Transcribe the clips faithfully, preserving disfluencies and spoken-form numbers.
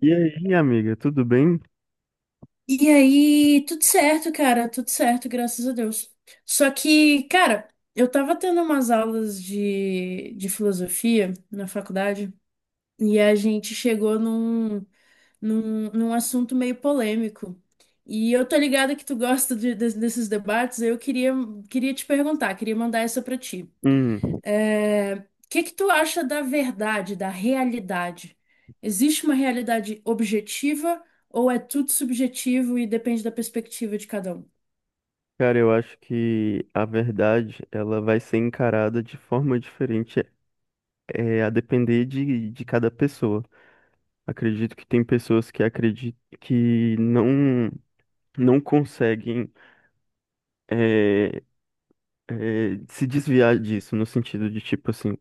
E aí, amiga, tudo bem? E aí, tudo certo, cara, tudo certo, graças a Deus. Só que, cara, eu tava tendo umas aulas de, de filosofia na faculdade e a gente chegou num, num, num assunto meio polêmico. E eu tô ligada que tu gosta de- de- desses debates, eu queria, queria te perguntar, queria mandar essa pra ti. Hum, O que que tu acha da verdade, da realidade? Existe uma realidade objetiva ou é tudo subjetivo e depende da perspectiva de cada um? cara, eu acho que a verdade ela vai ser encarada de forma diferente, é, a depender de, de cada pessoa. Acredito que tem pessoas que acreditam que não não conseguem é, é, se desviar disso, no sentido de tipo assim,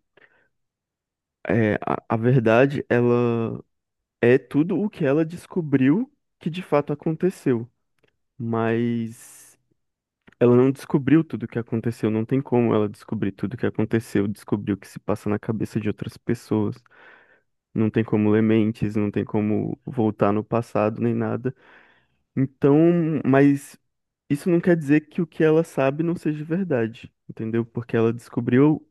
é, a, a verdade ela é tudo o que ela descobriu que de fato aconteceu, mas ela não descobriu tudo o que aconteceu, não tem como ela descobrir tudo o que aconteceu, descobrir o que se passa na cabeça de outras pessoas. Não tem como ler mentes, não tem como voltar no passado nem nada. Então, mas isso não quer dizer que o que ela sabe não seja verdade, entendeu? Porque ela descobriu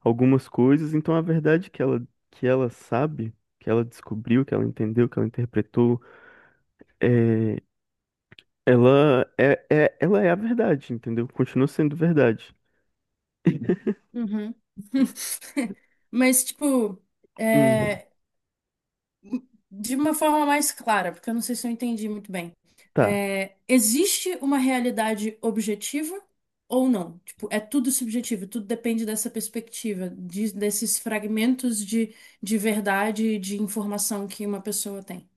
algumas coisas, então a verdade que ela, que ela sabe, que ela descobriu, que ela entendeu, que ela interpretou, é, ela é, é, ela é a verdade, entendeu? Continua sendo verdade. Uhum. Mas, tipo, Hum, é, de uma forma mais clara, porque eu não sei se eu entendi muito bem. tá. É, existe uma realidade objetiva ou não? Tipo, é tudo subjetivo, tudo depende dessa perspectiva, de- desses fragmentos de, de verdade e de informação que uma pessoa tem.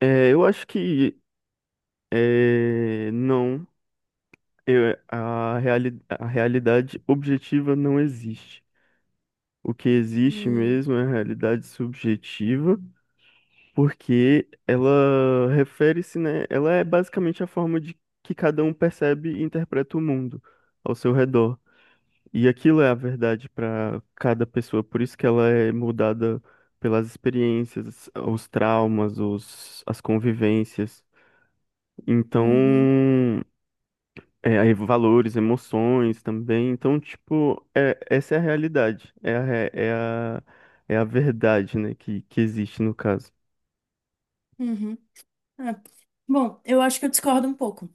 É, eu acho que é, não, eu- a, reali a realidade objetiva não existe. O que existe Hum, mesmo é a realidade subjetiva, porque ela refere-se, né? Ela é basicamente a forma de que cada um percebe e interpreta o mundo ao seu redor. E aquilo é a verdade para cada pessoa, por isso que ela é mudada pelas experiências, os traumas, os, as convivências. Então, uhum, É, aí valores, emoções também. Então, tipo, é, essa é a realidade. É a, re- é a, é a verdade, né? Que, que existe no caso. uhum. É. Bom, eu acho que eu discordo um pouco.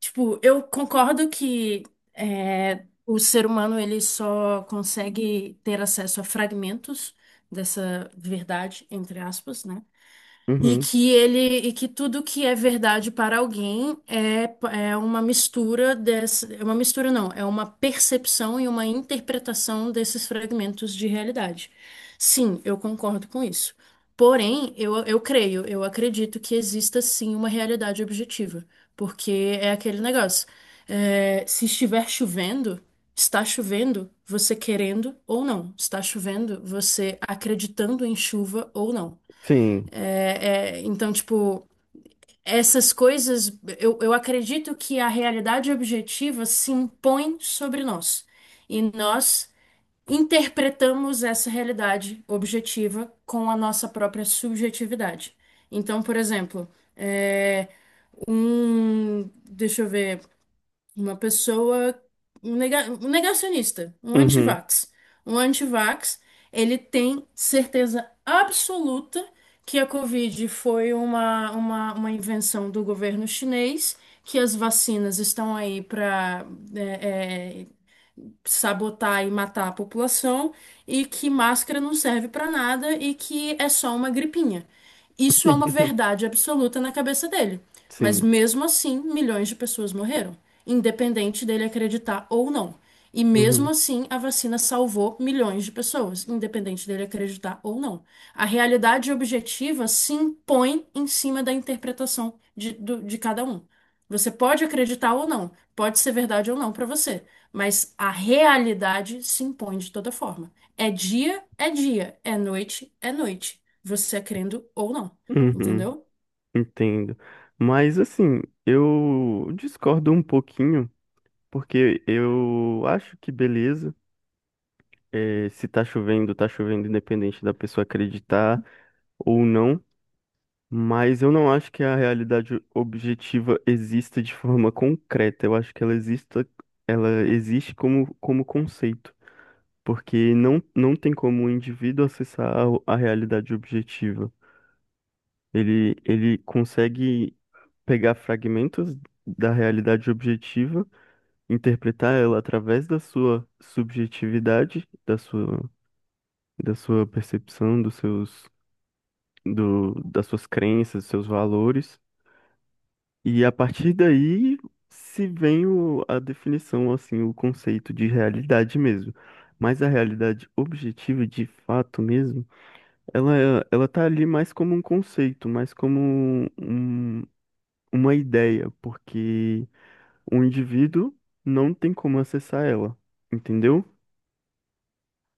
Tipo, eu concordo que é, o ser humano ele só consegue ter acesso a fragmentos dessa verdade, entre aspas, né? E Uhum. que ele, e que tudo que é verdade para alguém é, é uma mistura dessa, é uma mistura não, é uma percepção e uma interpretação desses fragmentos de realidade. Sim, eu concordo com isso. Porém, eu, eu creio, eu acredito que exista sim uma realidade objetiva, porque é aquele negócio. É, se estiver chovendo, está chovendo, você querendo ou não. Está chovendo, você acreditando em chuva ou não. Sim. É, é, então, tipo, essas coisas, eu, eu acredito que a realidade objetiva se impõe sobre nós. E nós interpretamos essa realidade objetiva com a nossa própria subjetividade. Então, por exemplo, é, um, deixa eu ver. Uma pessoa, um nega- um negacionista, um Uhum. antivax. Um antivax, ele tem certeza absoluta que a Covid foi uma, uma, uma invenção do governo chinês, que as vacinas estão aí para sabotar e matar a população e que máscara não serve pra nada e que é só uma gripinha. Isso é uma verdade absoluta na cabeça dele. Mas Sim. mesmo assim, milhões de pessoas morreram, independente dele acreditar ou não. E mesmo Uhum. assim, a vacina salvou milhões de pessoas, independente dele acreditar ou não. A realidade objetiva se impõe em cima da interpretação de, do- de cada um. Você pode acreditar ou não, pode ser verdade ou não pra você. Mas a realidade se impõe de toda forma. É dia, é dia. É noite, é noite. Você é crendo ou não. Uhum. Entendeu? Entendo. Mas, assim, eu discordo um pouquinho, porque eu acho que beleza. é, se tá chovendo, tá chovendo, independente da pessoa acreditar ou não. Mas eu não acho que a realidade objetiva exista de forma concreta. Eu acho que ela exista, ela existe como, como conceito, porque não, não tem como o indivíduo acessar a, a realidade objetiva. Ele, ele consegue pegar fragmentos da realidade objetiva, interpretar ela através da sua subjetividade, da sua, da sua percepção, dos seus, do, das suas crenças, dos seus valores. E a partir daí se vem o- a definição, assim, o conceito de realidade mesmo. Mas a realidade objetiva, de fato mesmo, ela, é- ela tá ali mais como um conceito, mais como um- uma ideia, porque o indivíduo não tem como acessar ela, entendeu?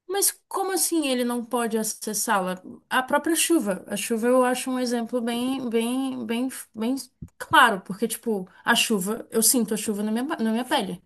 Mas como assim ele não pode acessá-la? A própria chuva. A chuva eu acho um exemplo bem, bem, bem, bem claro, porque, tipo, a chuva, eu sinto a chuva na minha, na minha pele.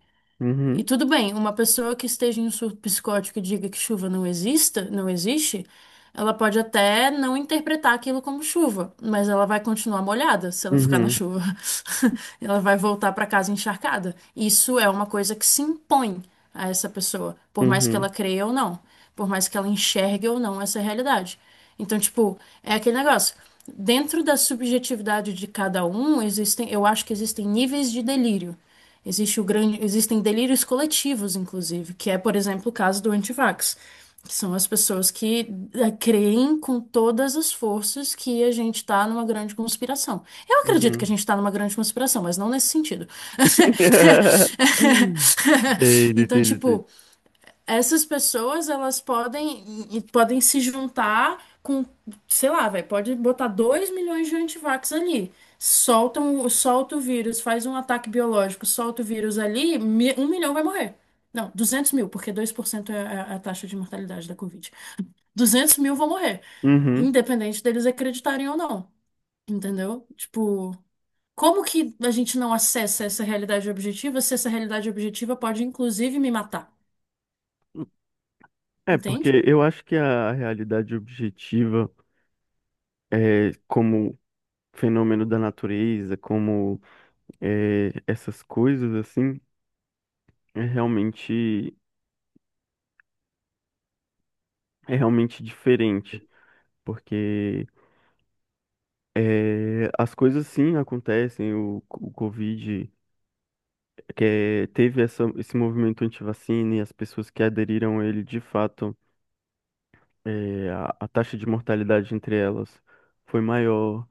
E Uhum, tudo bem, uma pessoa que esteja em um surto psicótico e diga que chuva não exista, não existe, ela pode até não interpretar aquilo como chuva, mas ela vai continuar molhada se ela ficar na uhum, chuva. Ela vai voltar para casa encharcada. Isso é uma coisa que se impõe a essa pessoa, por mais que ela uhum, creia ou não, por mais que ela enxergue ou não essa realidade. Então, tipo, é aquele negócio. Dentro da subjetividade de cada um, existem, eu acho que existem níveis de delírio. Existe o grande, existem delírios coletivos, inclusive, que é, por exemplo, o caso do antivax, que são as pessoas que eh, creem com todas as forças que a gente está numa grande conspiração. Eu acredito que a uhum. gente está numa grande conspiração, mas não nesse sentido. Entendi, Então, entendi, entendi. tipo, essas pessoas, elas podem, e- e podem se juntar com, sei lá, vai, pode botar dois milhões de antivax ali. Soltam, solta o vírus, faz um ataque biológico, solta o vírus ali, mi- um milhão vai morrer. Não, duzentos mil, porque dois por cento é é a taxa de mortalidade da Covid. Duzentos mil vão morrer, Uhum. independente deles acreditarem ou não. Entendeu? Tipo, como que a gente não acessa essa realidade objetiva se essa realidade objetiva pode, inclusive, me matar? É, Entende? porque eu acho que a realidade objetiva. é, como fenômeno da natureza, como, é, essas coisas assim, é realmente é realmente diferente, porque é, as coisas sim acontecem, o, o Covid que é, teve essa, esse movimento antivacina e as pessoas que aderiram a ele de fato, é, a, a taxa de mortalidade entre elas foi maior,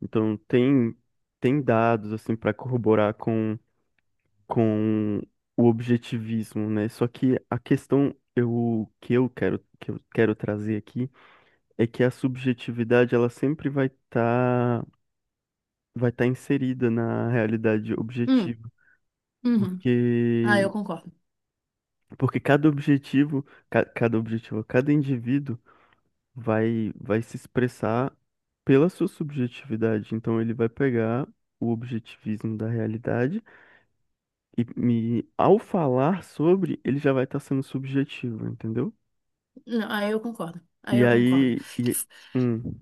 então tem tem dados assim para corroborar com o objetivismo, né? Só que a questão eu, que eu quero que eu quero trazer aqui é que a subjetividade ela sempre vai estar vai estar inserida na realidade Hum, objetiva, uhum. Ah, porque eu concordo. porque cada objetivo, ca- cada objetivo, cada indivíduo vai vai se expressar pela sua subjetividade. Então ele vai pegar o objetivismo da realidade e, e ao falar sobre, ele já vai estar sendo subjetivo, entendeu? Não, aí eu concordo. Aí E eu concordo. aí, Que e, f- hum.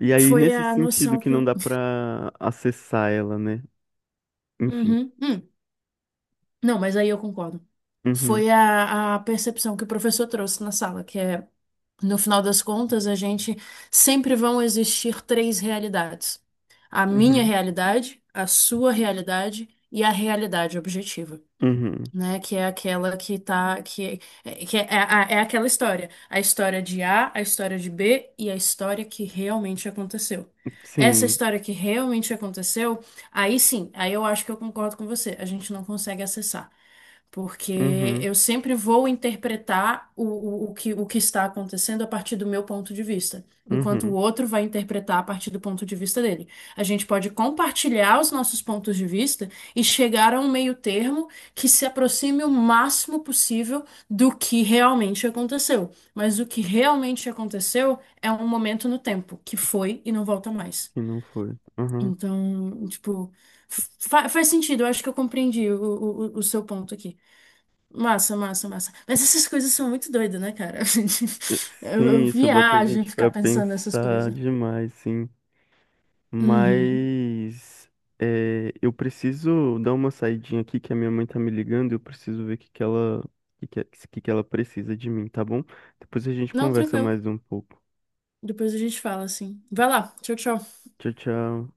E aí, Foi nesse a sentido noção que que. não o- dá pra acessar ela, né? Enfim. Uhum. Hum. Não, mas aí eu concordo. Uhum, Foi a, a percepção que o professor trouxe na sala, que é, no final das contas, a gente sempre vão existir três realidades: a minha uhum, realidade, a sua realidade e a realidade objetiva. uhum. Né? Que é aquela que tá, que, é, que é, é, a- é aquela história, a história de á, a história de bê e a história que realmente aconteceu. Essa Sim, história que realmente aconteceu, aí sim, aí eu acho que eu concordo com você, a gente não consegue acessar. Porque uhum, eu sempre vou interpretar o, o, o que, o que está acontecendo a partir do meu ponto de vista, enquanto o uhum. outro vai interpretar a partir do ponto de vista dele. A gente pode compartilhar os nossos pontos de vista e chegar a um meio termo que se aproxime o máximo possível do que realmente aconteceu. Mas o que realmente aconteceu é um momento no tempo, que foi e não volta mais. Que não foi. Uhum. Então, tipo, fa- faz sentido, eu acho que eu compreendi o, o, o o seu ponto aqui. Massa, massa, massa. Mas essas coisas são muito doidas, né, cara? Eu, eu Sim, isso bota a viajo em gente ficar pra pensando nessas pensar coisas. demais, sim. Uhum. Mas é, eu preciso dar uma saidinha aqui, que a minha mãe tá me ligando, e eu preciso ver o que que ela, o que que, o que que ela precisa de mim, tá bom? Depois a gente Não, conversa tranquilo. mais um pouco. Depois a gente fala assim. Vai lá, tchau, tchau. Tchau, tchau.